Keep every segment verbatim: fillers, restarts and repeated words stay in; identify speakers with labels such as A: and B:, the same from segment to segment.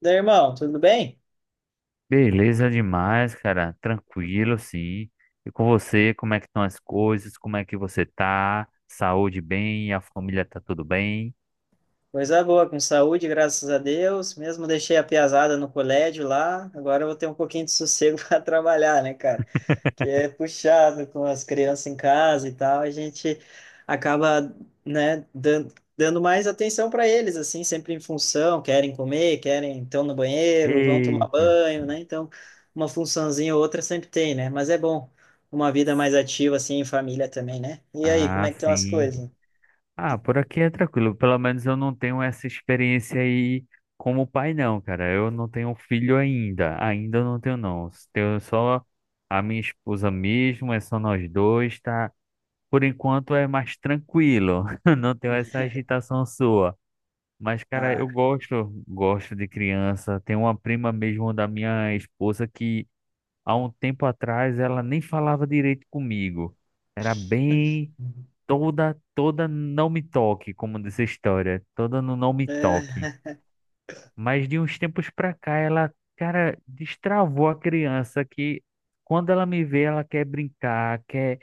A: Daí, irmão, tudo bem?
B: Beleza demais, cara. Tranquilo, sim. E com você, como é que estão as coisas? Como é que você tá? Saúde bem? A família tá tudo bem?
A: Coisa boa, com saúde, graças a Deus. Mesmo deixei a piazada no colégio lá, agora eu vou ter um pouquinho de sossego para trabalhar, né, cara? Que é puxado com as crianças em casa e tal, a gente acaba, né, dan- dando mais atenção para eles, assim, sempre em função, querem comer, querem, estão no banheiro, vão tomar
B: Eita.
A: banho, né? Então, uma funçãozinha ou outra sempre tem, né? Mas é bom uma vida mais ativa, assim, em família também, né? E aí, como
B: Ah,
A: é que estão as
B: sim.
A: coisas?
B: Ah, por aqui é tranquilo. Pelo menos eu não tenho essa experiência aí como pai, não, cara. Eu não tenho filho ainda. Ainda não tenho, não. Tenho só a minha esposa mesmo, é só nós dois, tá? Por enquanto é mais tranquilo. Não tenho essa agitação sua. Mas, cara,
A: Ah,
B: eu gosto, gosto de criança. Tem uma prima mesmo da minha esposa que há um tempo atrás ela nem falava direito comigo. Era bem toda, toda não me toque, como diz a história, toda no não me
A: é,
B: toque. Mas de uns tempos pra cá ela, cara, destravou a criança que quando ela me vê, ela quer brincar, quer,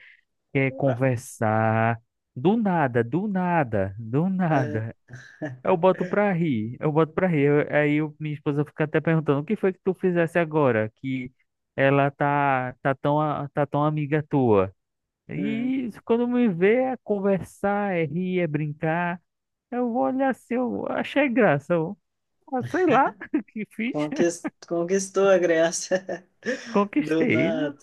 B: quer
A: opa,
B: conversar. Do nada, do nada, do
A: é,
B: nada. Eu boto pra rir, eu boto pra rir. Eu- Aí eu, minha esposa fica até perguntando, o que foi que tu fizesse agora? Que ela tá, tá tão, a- tá tão amiga tua.
A: hum,
B: E isso, quando me vê é conversar, é rir, é brincar. Eu vou olhar assim, eu achei graça. Eu, ah, sei lá o que fiz.
A: conquis- conquistou a Grécia do
B: Conquistei.
A: nada.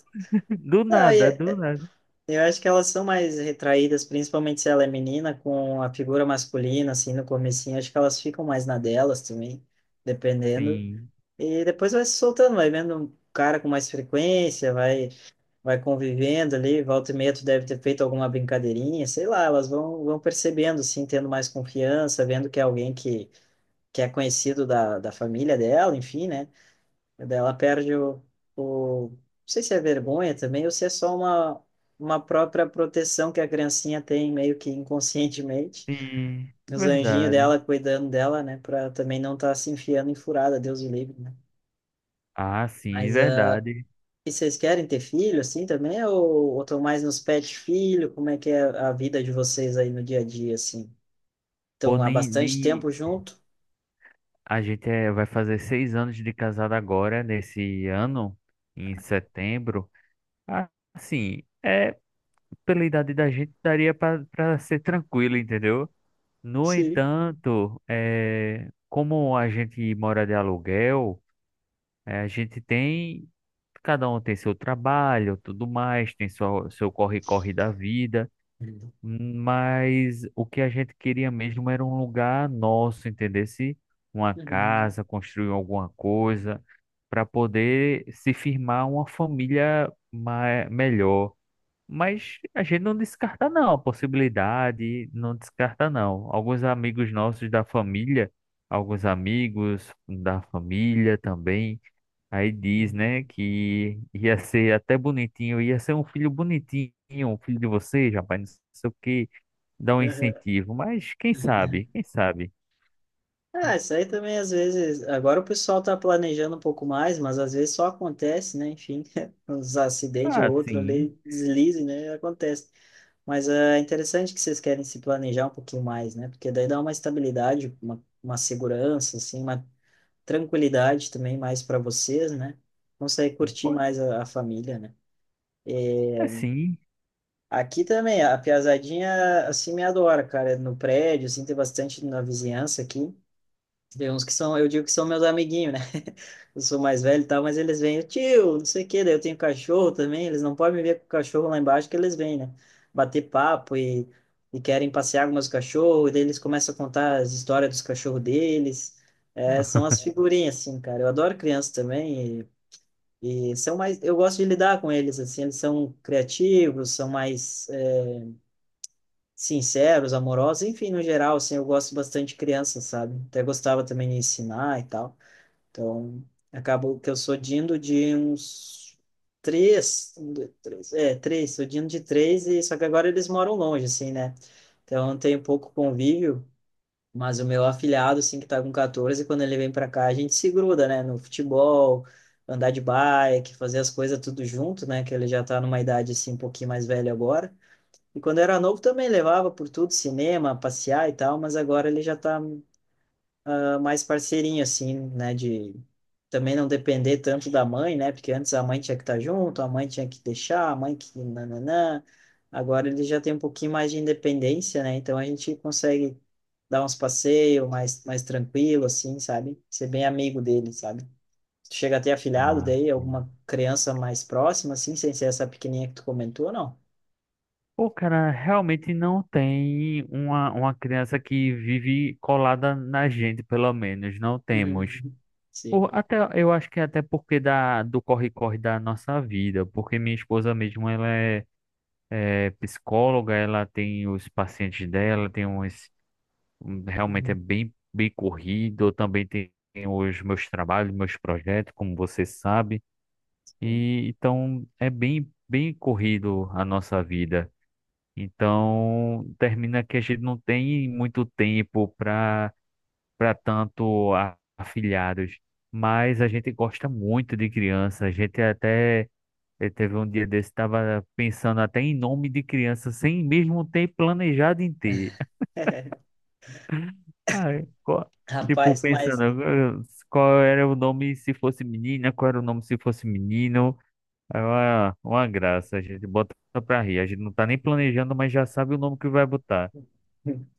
B: Do
A: Ah, e-
B: nada, do
A: é-
B: nada.
A: eu acho que elas são mais retraídas, principalmente se ela é menina, com a figura masculina, assim, no comecinho. Acho que elas ficam mais na delas também, dependendo.
B: Sim,
A: E depois vai se soltando, vai vendo um cara com mais frequência, vai, vai convivendo ali, volta e meia tu deve ter feito alguma brincadeirinha, sei lá, elas vão, vão percebendo, assim, tendo mais confiança, vendo que é alguém que que é conhecido da, da família dela, enfim, né? Daí ela perde o, o. Não sei se é vergonha também, ou se é só uma, uma própria proteção que a criancinha tem, meio que inconscientemente.
B: sim,
A: Os anjinhos
B: verdade.
A: dela cuidando dela, né? Pra também não estar tá se enfiando em furada, Deus o livre, né?
B: Ah, sim,
A: Mas uh,
B: verdade.
A: e vocês querem ter filho assim também? Ou, ou estão mais nos pet filho? Como é que é a vida de vocês aí no dia a dia, assim?
B: Pô,
A: Estão há
B: nem,
A: bastante
B: nem,
A: tempo junto?
B: A gente é- vai fazer seis anos de casado agora, nesse ano, em setembro. Ah, assim, é, pela idade da gente, daria para ser tranquilo, entendeu? No
A: Sim.
B: entanto, é, como a gente mora de aluguel, é, a gente tem. Cada um tem seu trabalho, tudo mais, tem sua- seu corre-corre da vida.
A: Uhum.
B: Mas o que a gente queria mesmo era um lugar nosso, entendesse? Uma
A: Uhum.
B: casa, construir alguma coisa, para poder se firmar uma família mai- melhor. Mas a gente não descarta não a possibilidade, não descarta não. Alguns amigos nossos da família, alguns amigos da família também, aí diz, né, que ia ser até bonitinho, ia ser um filho bonitinho, um filho de vocês, rapaz, não sei o quê, dá um
A: Uhum.
B: incentivo, mas quem sabe, quem sabe?
A: Ah, isso aí também às vezes. Agora o pessoal tá planejando um pouco mais, mas às vezes só acontece, né? Enfim, uns acidentes
B: Ah,
A: ou outro
B: sim,
A: ali, deslize, né? Acontece. Mas ah, é interessante que vocês querem se planejar um pouquinho mais, né? Porque daí dá uma estabilidade, uma, uma segurança, assim, uma tranquilidade também mais para vocês, né? Consegue curtir
B: pô,
A: mais a, a família, né?
B: é sim.
A: Aqui também, a piazadinha, assim, me adora, cara. É. No prédio, assim, tem bastante na vizinhança aqui. Tem uns que são, eu digo que são meus amiguinhos, né? Eu sou mais velho e tal, mas eles vêm, tio, não sei o quê, daí eu tenho cachorro também, eles não podem me ver com o cachorro lá embaixo que eles vêm, né? Bater papo e, e querem passear com meus cachorros, e daí eles começam a contar as histórias dos cachorros deles. É, são as figurinhas, assim, cara. Eu adoro criança também e, e são mais... Eu gosto de lidar com eles, assim, eles são criativos, são mais é, sinceros, amorosos, enfim, no geral, assim, eu gosto bastante de criança, sabe? Até gostava também de ensinar e tal. Então, acabo que eu sou dindo de uns três, um, dois, três, é, três, sou dindo de três, e só que agora eles moram longe, assim, né? Então, eu tenho pouco convívio, mas o meu afilhado, assim, que tá com quatorze, quando ele vem pra cá, a gente se gruda, né? No futebol, andar de bike, fazer as coisas tudo junto, né? Que ele já tá numa idade, assim, um pouquinho mais velha agora. E quando era novo também levava por tudo, cinema, passear e tal, mas agora ele já tá ah, mais parceirinho, assim, né? De também não depender tanto da mãe, né? Porque antes a mãe tinha que estar junto, a mãe tinha que deixar, a mãe que nananã. Agora ele já tem um pouquinho mais de independência, né? Então a gente consegue dar uns passeios mais, mais tranquilo, assim, sabe? Ser bem amigo dele, sabe? Chega a ter afilhado
B: Ah,
A: daí,
B: sim.
A: alguma criança mais próxima, assim, sem ser essa pequenininha que tu comentou, não?
B: Pô, cara, realmente não tem uma, uma criança que vive colada na gente, pelo menos, não temos.
A: Uhum. Sim.
B: Por, até, eu acho que até porque da, do corre-corre da nossa vida, porque minha esposa mesmo, ela é, é psicóloga, ela tem os pacientes dela, tem uns, um, realmente é
A: Uhum.
B: bem, bem corrido, eu também tem os meus trabalhos, meus projetos, como você sabe,
A: Sim.
B: e então é bem, bem corrido a nossa vida. Então, termina que a gente não tem muito tempo para para tanto a- afilhados, mas a gente gosta muito de criança. A gente até eh, teve um dia desse, estava pensando até em nome de criança, sem mesmo ter planejado em ter. Ai, qual- tipo,
A: Rapaz, mas
B: pensando eh, qual era o nome se fosse menina, qual era o nome se fosse menino. É uma, uma graça, a gente bota pra rir. A gente não tá nem planejando, mas já sabe o nome que vai botar.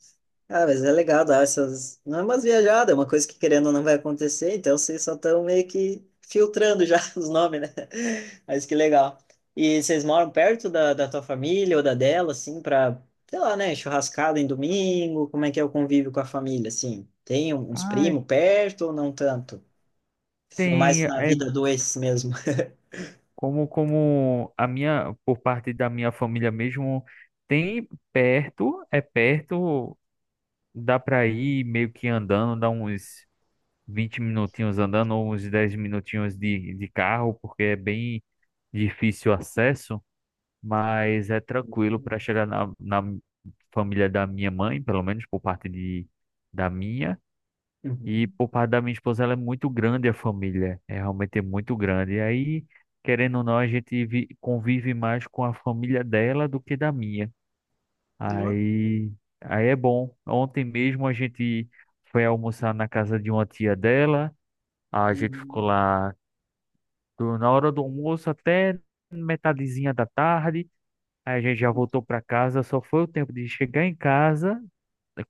A: ah, mas é legal dar essas. Não é umas viajadas, é uma coisa que querendo ou não vai acontecer, então vocês só estão meio que filtrando já os nomes, né? Mas que legal. E vocês moram perto da, da tua família ou da dela, assim, pra, sei lá, né, churrascada em domingo? Como é que é o convívio com a família, assim? Tem um, uns primos perto ou não tanto? Mais
B: Tem,
A: na
B: é
A: vida do ex mesmo.
B: como, como a minha, por parte da minha família mesmo, tem perto, é perto, dá pra ir meio que andando, dá uns vinte minutinhos andando, ou uns dez minutinhos de, de carro, porque é bem difícil o acesso, mas é tranquilo para chegar na, na família da minha mãe, pelo menos por parte de, da minha. E
A: Uhum.
B: por parte da minha esposa, ela é muito grande a família. É realmente é muito grande. E aí, querendo ou não, a gente vi- convive mais com a família dela do que da minha.
A: Uhum.
B: Aí, aí é bom. Ontem mesmo a gente foi almoçar na casa de uma tia dela. A gente ficou
A: Uhum.
B: lá do- na hora do almoço até metadezinha da tarde. Aí a gente já
A: Uhum.
B: voltou para casa. Só foi o tempo de chegar em casa,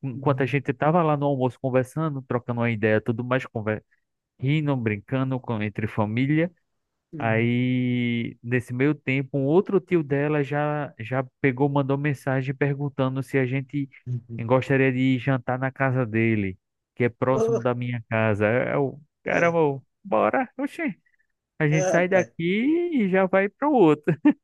B: enquanto a
A: Uhum.
B: gente estava lá no almoço conversando, trocando uma ideia, tudo mais rindo, brincando com, entre família.
A: Uhum.
B: Aí, nesse meio tempo, um outro tio dela já, já pegou, mandou mensagem perguntando se a gente
A: Uhum.
B: gostaria de jantar na casa dele, que é próximo
A: Oh,
B: da minha casa. É o
A: é.
B: caramba, eu, bora, oxê. A gente
A: Ah,
B: sai
A: rapaz.
B: daqui e já vai para o outro.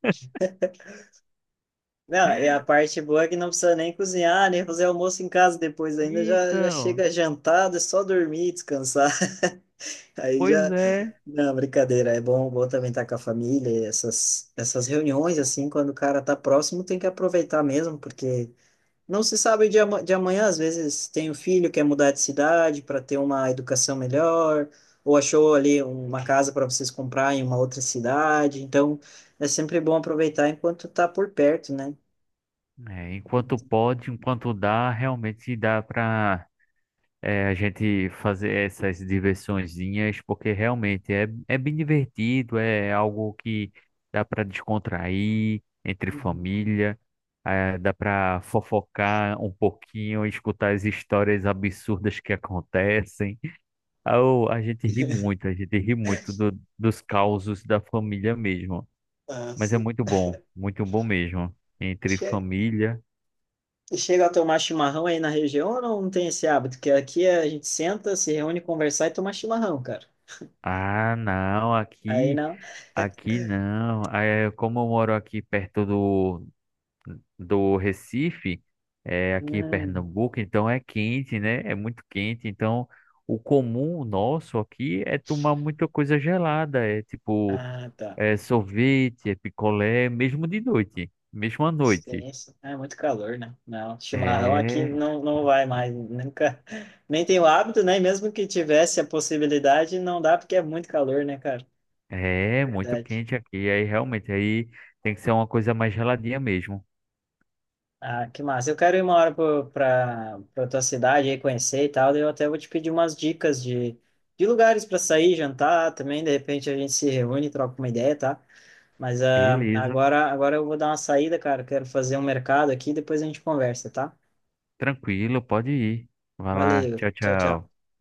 A: Não, é a parte boa é que não precisa nem cozinhar, nem fazer almoço em casa depois ainda, já, já
B: Então,
A: chega jantado, é só dormir, descansar. Aí
B: pois
A: já.
B: é.
A: Não, brincadeira, é bom, bom também estar com a família, essas, essas reuniões, assim, quando o cara tá próximo, tem que aproveitar mesmo, porque não se sabe de, ama- de amanhã, às vezes tem um filho que quer mudar de cidade para ter uma educação melhor, ou achou ali uma casa para vocês comprar em uma outra cidade, então é sempre bom aproveitar enquanto tá por perto, né?
B: É, enquanto pode, enquanto dá, realmente dá para é, a gente fazer essas diversõezinhas, porque realmente é, é bem divertido, é é algo que dá para descontrair entre
A: Uhum.
B: família, é, dá para fofocar um pouquinho, escutar as histórias absurdas que acontecem. Ah, o- A gente ri muito, a gente ri muito do- dos causos da família mesmo.
A: Ah,
B: Mas é
A: sim.
B: muito bom, muito bom mesmo. Entre
A: Che-
B: família.
A: Chega a tomar chimarrão aí na região ou não, não tem esse hábito? Que aqui a gente senta, se reúne, conversar e tomar chimarrão, cara.
B: Ah, não,
A: Aí
B: aqui.
A: não.
B: Aqui não. É, como eu moro aqui perto do, do Recife, é, aqui em
A: Hum,
B: Pernambuco, então é quente, né? É muito quente. Então, o comum nosso aqui é tomar muita coisa gelada. É tipo,
A: ah, tá.
B: é sorvete, é picolé, mesmo de noite, mesmo à noite.
A: Sim, sim. Ah, é muito calor, né? Não, chimarrão aqui
B: É,
A: não, não vai mais. Nunca. Nem tenho hábito, né? E mesmo que tivesse a possibilidade, não dá porque é muito calor, né, cara?
B: é muito
A: Verdade.
B: quente aqui. Aí realmente aí tem que ser uma coisa mais geladinha mesmo.
A: Ah, que massa. Eu quero ir uma hora para para tua cidade aí conhecer e tal, daí eu até vou te pedir umas dicas de, de lugares para sair, jantar também, de repente a gente se reúne, troca uma ideia, tá? Mas ah,
B: Beleza,
A: agora agora eu vou dar uma saída, cara. Quero fazer um mercado aqui, depois a gente conversa, tá?
B: tranquilo, pode ir. Vai lá,
A: Valeu.
B: tchau,
A: Tchau, tchau.
B: tchau.